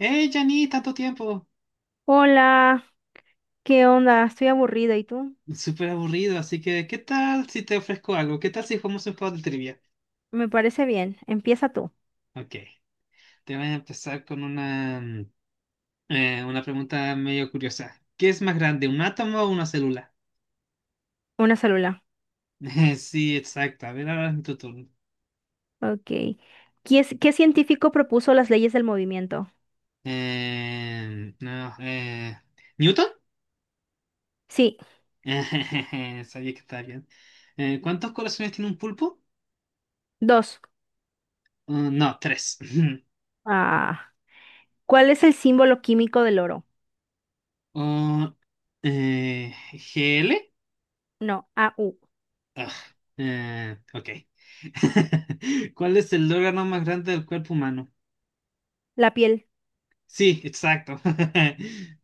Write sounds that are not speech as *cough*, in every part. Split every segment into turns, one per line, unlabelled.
Hey, Jani, tanto tiempo.
Hola, ¿qué onda? Estoy aburrida, ¿y tú?
Súper aburrido, así que ¿qué tal si te ofrezco algo? ¿Qué tal si jugamos un juego de trivia?
Me parece bien. Empieza tú.
Ok, te voy a empezar con una, una pregunta medio curiosa. ¿Qué es más grande, un átomo o una célula?
Una célula.
*laughs* Sí, exacto. A ver, ahora es tu turno.
Ok. ¿Qué, qué científico propuso las leyes del movimiento?
No, ¿Newton?
Sí,
*laughs* Sabía que estaba bien. ¿Cuántos corazones tiene un pulpo?
dos.
No, tres. *laughs*
Ah. ¿Cuál es el símbolo químico del oro?
Oh, eh, ¿GL?
No, AU.
Ah, ok. *laughs* ¿Cuál es el órgano más grande del cuerpo humano?
La piel.
Sí, exacto. *laughs*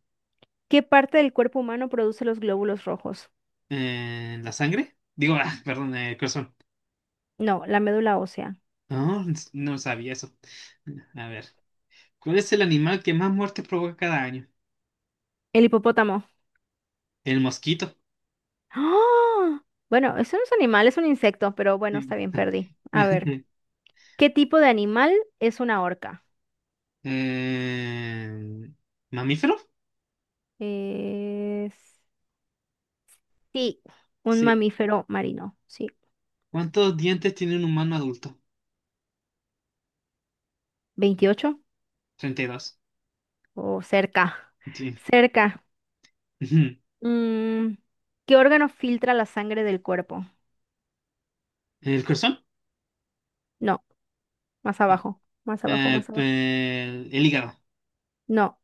¿Qué parte del cuerpo humano produce los glóbulos rojos?
¿La sangre? Digo, ah, perdón, el corazón.
No, la médula ósea.
No, no sabía eso. A ver, ¿cuál es el animal que más muertes provoca cada año?
El hipopótamo.
El mosquito.
¡Ah! Bueno, eso no es un animal, es un insecto, pero bueno,
Sí.
está bien, perdí. A ver,
*laughs*
¿qué tipo de animal es una orca?
Eh, ¿mamífero?
Es sí, un
Sí.
mamífero marino, sí.
¿Cuántos dientes tiene un humano adulto?
Veintiocho
32.
o cerca,
Sí.
cerca.
*laughs*
Mm, ¿Qué órgano filtra la sangre del cuerpo?
¿El corazón?
No, más
Ah,
abajo, más abajo, más abajo.
El hígado.
No,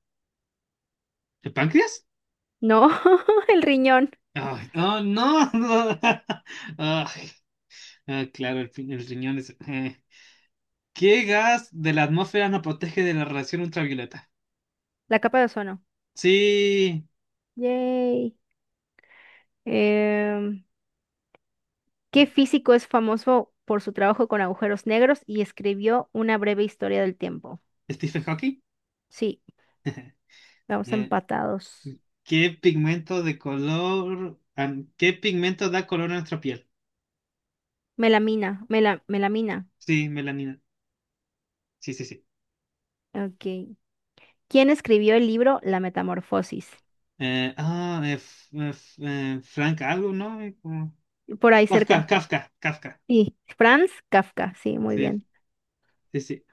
¿El páncreas?
no, *laughs* el riñón,
Ay, oh, no. *laughs* No. Ay, ah, claro, el riñón es. ¿Qué gas de la atmósfera nos protege de la radiación ultravioleta?
la capa de ozono.
Sí.
Yay. Em, ¿Qué físico es famoso por su trabajo con agujeros negros y escribió una breve historia del tiempo?
Stephen Hawking.
Sí, vamos
Eh,
empatados.
¿Qué pigmento da color a nuestra piel?
Melamina, melamina.
Sí, melanina. Sí, sí, sí.
Ok, ¿quién escribió el libro La Metamorfosis?
Frank algo, ¿no?
Por ahí
Kafka,
cerca.
Kafka, Kafka.
Sí. Franz Kafka, sí, muy
Sí,
bien.
sí, sí.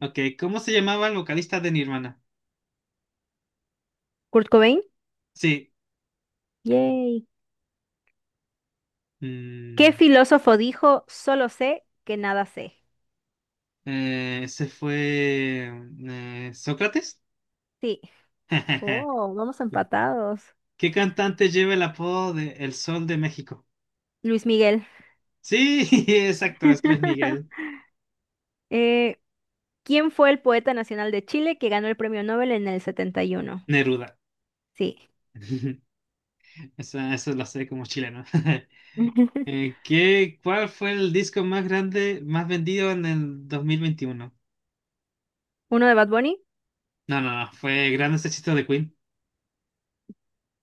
Ok, ¿cómo se llamaba el vocalista de Nirvana?
Kurt Cobain.
Sí.
Yay. ¿Qué
mm,
filósofo dijo, solo sé que nada sé?
ese fue Sócrates.
Sí.
*laughs*
Oh, vamos empatados.
¿Qué cantante lleva el apodo de El Sol de México?
Luis Miguel.
Sí, *laughs* exacto, es Luis Miguel.
*laughs* Eh, ¿Quién fue el poeta nacional de Chile que ganó el premio Nobel en el 71?
Neruda.
Sí.
*laughs* Eso lo sé como chileno. *laughs*
*laughs*
¿Cuál fue el disco más grande, más vendido en el 2021?
¿Uno de Bad Bunny?
No, no, no, fue Grandes Éxitos de Queen.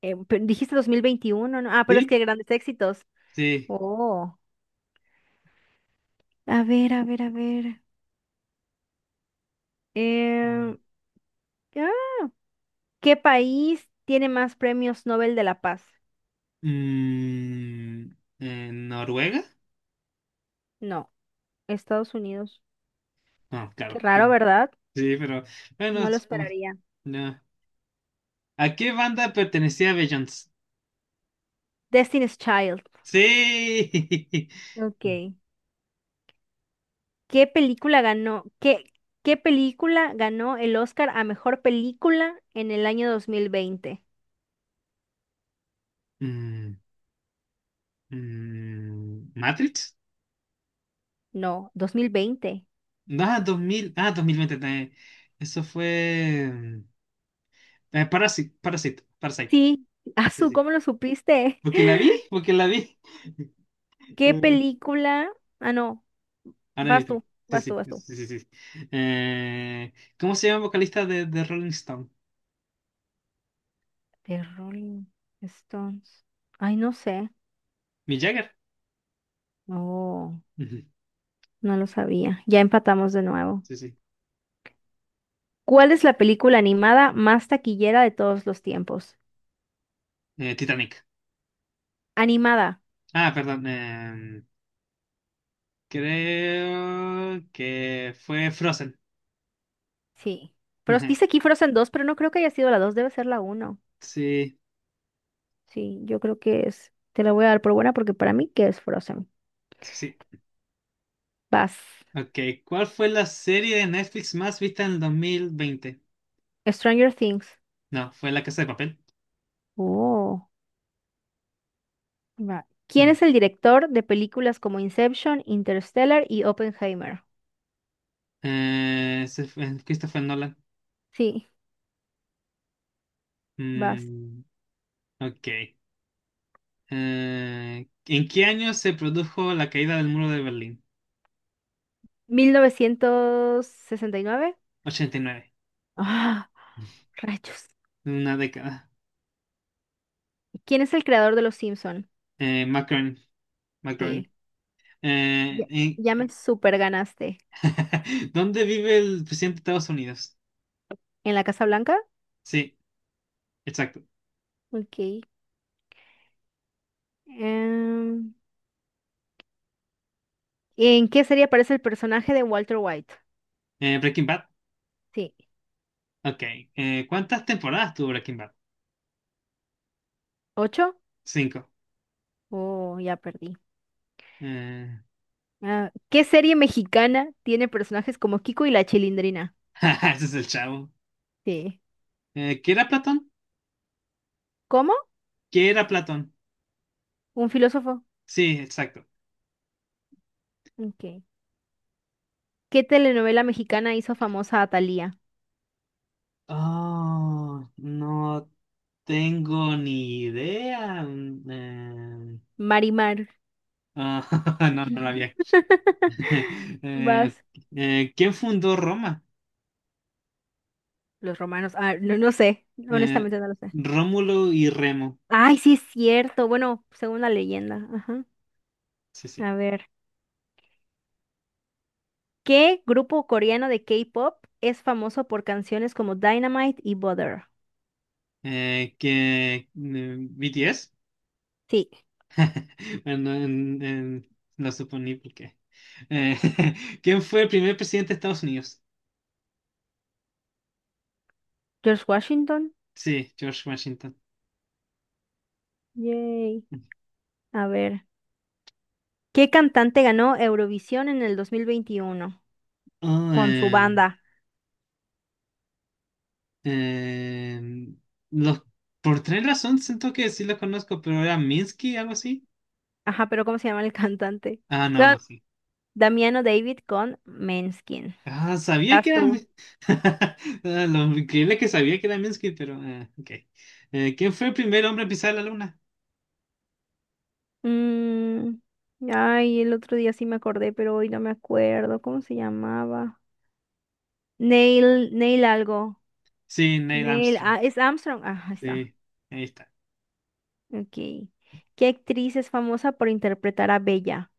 Dijiste 2021, ¿no? Ah, pero es
¿Sí?
que grandes éxitos.
Sí.
Oh. A ver, a ver, a ver. Eh, ah, ¿Qué país tiene más premios Nobel de la Paz?
Mm, ¿en Noruega?
No, Estados Unidos.
No,
Qué
claro.
raro,
Que...
¿verdad?
sí, pero
No
bueno,
lo
supongo...
esperaría.
no. ¿A qué banda pertenecía Beyoncé?
Destiny's Child.
Sí. *laughs*
Ok. ¿Qué película ganó? ¿Qué, qué película ganó el Oscar a mejor película en el año 2020?
Mm, ¿Matrix?
No, 2020.
No, dos mil veinte. Eso fue mm, Parasite, Parasite, Parasite.
Sí, *laughs*
Sí,
Azul,
sí.
¿cómo lo supiste?
Porque la vi,
*laughs*
porque la vi. *laughs*
¿Qué
Eh,
película? Ah, no,
Ahora he
vas
visto.
tú,
Sí,
vas
sí,
tú, vas tú.
sí, sí, sí, sí. Eh, ¿Cómo se llama el vocalista de, Rolling Stone?
The Rolling Stones. Ay, no sé.
¿Mick Jagger?
Oh.
Ujú,
No lo sabía. Ya empatamos de nuevo.
sí, sí.
¿Cuál es la película animada más taquillera de todos los tiempos?
Titanic.
Animada.
Ah, perdón. Creo que fue Frozen.
Sí.
*laughs*
Pero
Ujú,
dice aquí Frozen 2, pero no creo que haya sido la 2. Debe ser la uno.
sí,
Sí, yo creo que es. Te la voy a dar por buena porque para mí que es Frozen.
sí, sí.
Vas.
Ok, ¿cuál fue la serie de Netflix más vista en el 2020?
Stranger Things.
No, fue La Casa de Papel.
Oh. Va. ¿Quién
Mm.
es el director de películas como Inception, Interstellar y Oppenheimer?
Ese fue Christopher Nolan.
Sí, vas.
Mm, ok. ¿En qué año se produjo la caída del muro de Berlín?
1969.
Ochenta y nueve.
Ah, rayos.
Una década.
¿Quién es el creador de Los Simpson?
Macron. Macron.
Sí. Ya,
Eh,
ya me super ganaste.
*laughs* ¿Dónde vive el presidente de Estados Unidos?
¿En la Casa Blanca?
Sí, exacto.
Ok. Em, ¿En qué serie aparece el personaje de Walter White?
Breaking Bad.
Sí.
Ok. ¿Cuántas temporadas tuvo Breaking Bad?
¿Ocho?
Cinco.
Oh, ya perdí.
Eh,
Ah, ¿qué serie mexicana tiene personajes como Kiko y la Chilindrina?
*laughs* ese es el chavo.
Sí.
¿Qué era Platón?
¿Cómo?
¿Qué era Platón?
Un filósofo.
Sí, exacto.
Ok. ¿Qué telenovela mexicana hizo famosa a Thalía?
Oh, no tengo ni idea.
Marimar.
Ah, *laughs* no, no la había escuchado. *laughs*
*laughs* Vas.
Ok. ¿Quién fundó Roma?
Los romanos. Ah, no, no sé.
Eh,
Honestamente no lo sé.
Rómulo y Remo.
Ay, sí es cierto. Bueno, según la leyenda. Ajá.
Sí, sí.
A ver. ¿Qué grupo coreano de K-pop es famoso por canciones como Dynamite y Butter?
Que BTS,
Sí.
*laughs* bueno, lo suponí porque. Eh, *laughs* ¿quién fue el primer presidente de Estados Unidos?
George Washington.
Sí, George Washington.
Yay. A ver. ¿Qué cantante ganó Eurovisión en el 2021
Oh,
con su banda?
eh, los, por tres razones siento que sí los conozco, pero era Minsky, algo así.
Ajá, pero ¿cómo se llama el cantante?
Ah, no,
Da-
no, sí.
Damiano David con Maneskin.
Ah, sabía que
Vas
era.
tú.
Mi... *laughs* Ah, lo increíble que sabía que era Minsky, pero. Ok. ¿Quién fue el primer hombre a pisar la luna?
Mm, ay, el otro día sí me acordé, pero hoy no me acuerdo. ¿Cómo se llamaba? Neil, Neil algo.
Sí, Neil
Neil,
Armstrong.
ah, es Armstrong. Ah, ahí está.
Sí, ahí está.
Ok. ¿Qué actriz es famosa por interpretar a Bella?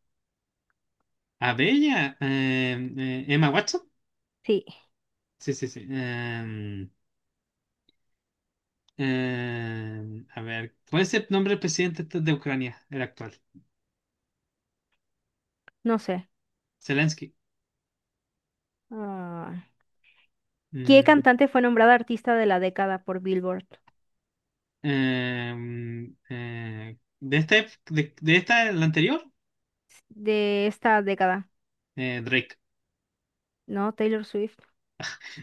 A Bella, Emma Watson.
Sí,
Sí, sí, sí. A ver, ¿cuál es el nombre del presidente de Ucrania, el actual?
no sé.
Zelensky.
Ah, ¿qué
Mm,
cantante fue nombrada artista de la década por Billboard?
de este, de esta, el anterior,
De esta década,
Drake.
¿no? Taylor Swift.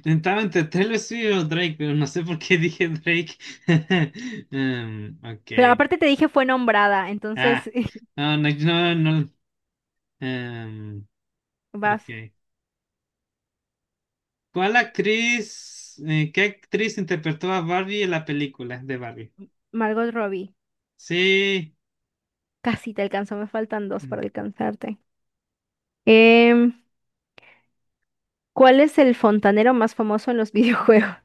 Estaba entre Taylor Swift o Drake, pero no sé por qué dije Drake. *laughs* Ok.
Pero aparte te dije fue nombrada,
Ah,
entonces
no, no, no, no, em,
*laughs* vas.
ok. ¿Qué actriz interpretó a Barbie en la película de Barbie?
Margot Robbie.
Sí,
Casi te alcanzó, me faltan dos
mm,
para alcanzarte. Em, ¿Cuál es el fontanero más famoso en los *laughs* videojuegos?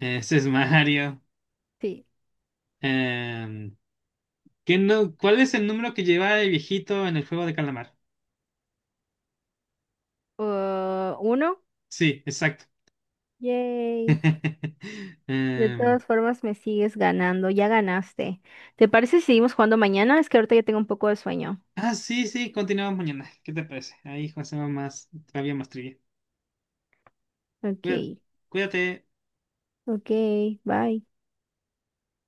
ese es Mario.
Sí.
Em, ¿qué no, ¿cuál es el número que lleva el viejito en el juego de calamar?
Uno.
Sí, exacto.
Yay.
*laughs*
De
Em,
todas formas, me sigues ganando. Ya ganaste. ¿Te parece si seguimos jugando mañana? Es que ahorita ya tengo un poco de sueño.
ah, sí, sí, continuamos mañana. ¿Qué te parece? Ahí hacemos más, todavía más trivia.
Ok,
Cuídate, cuídate.
ok, bye.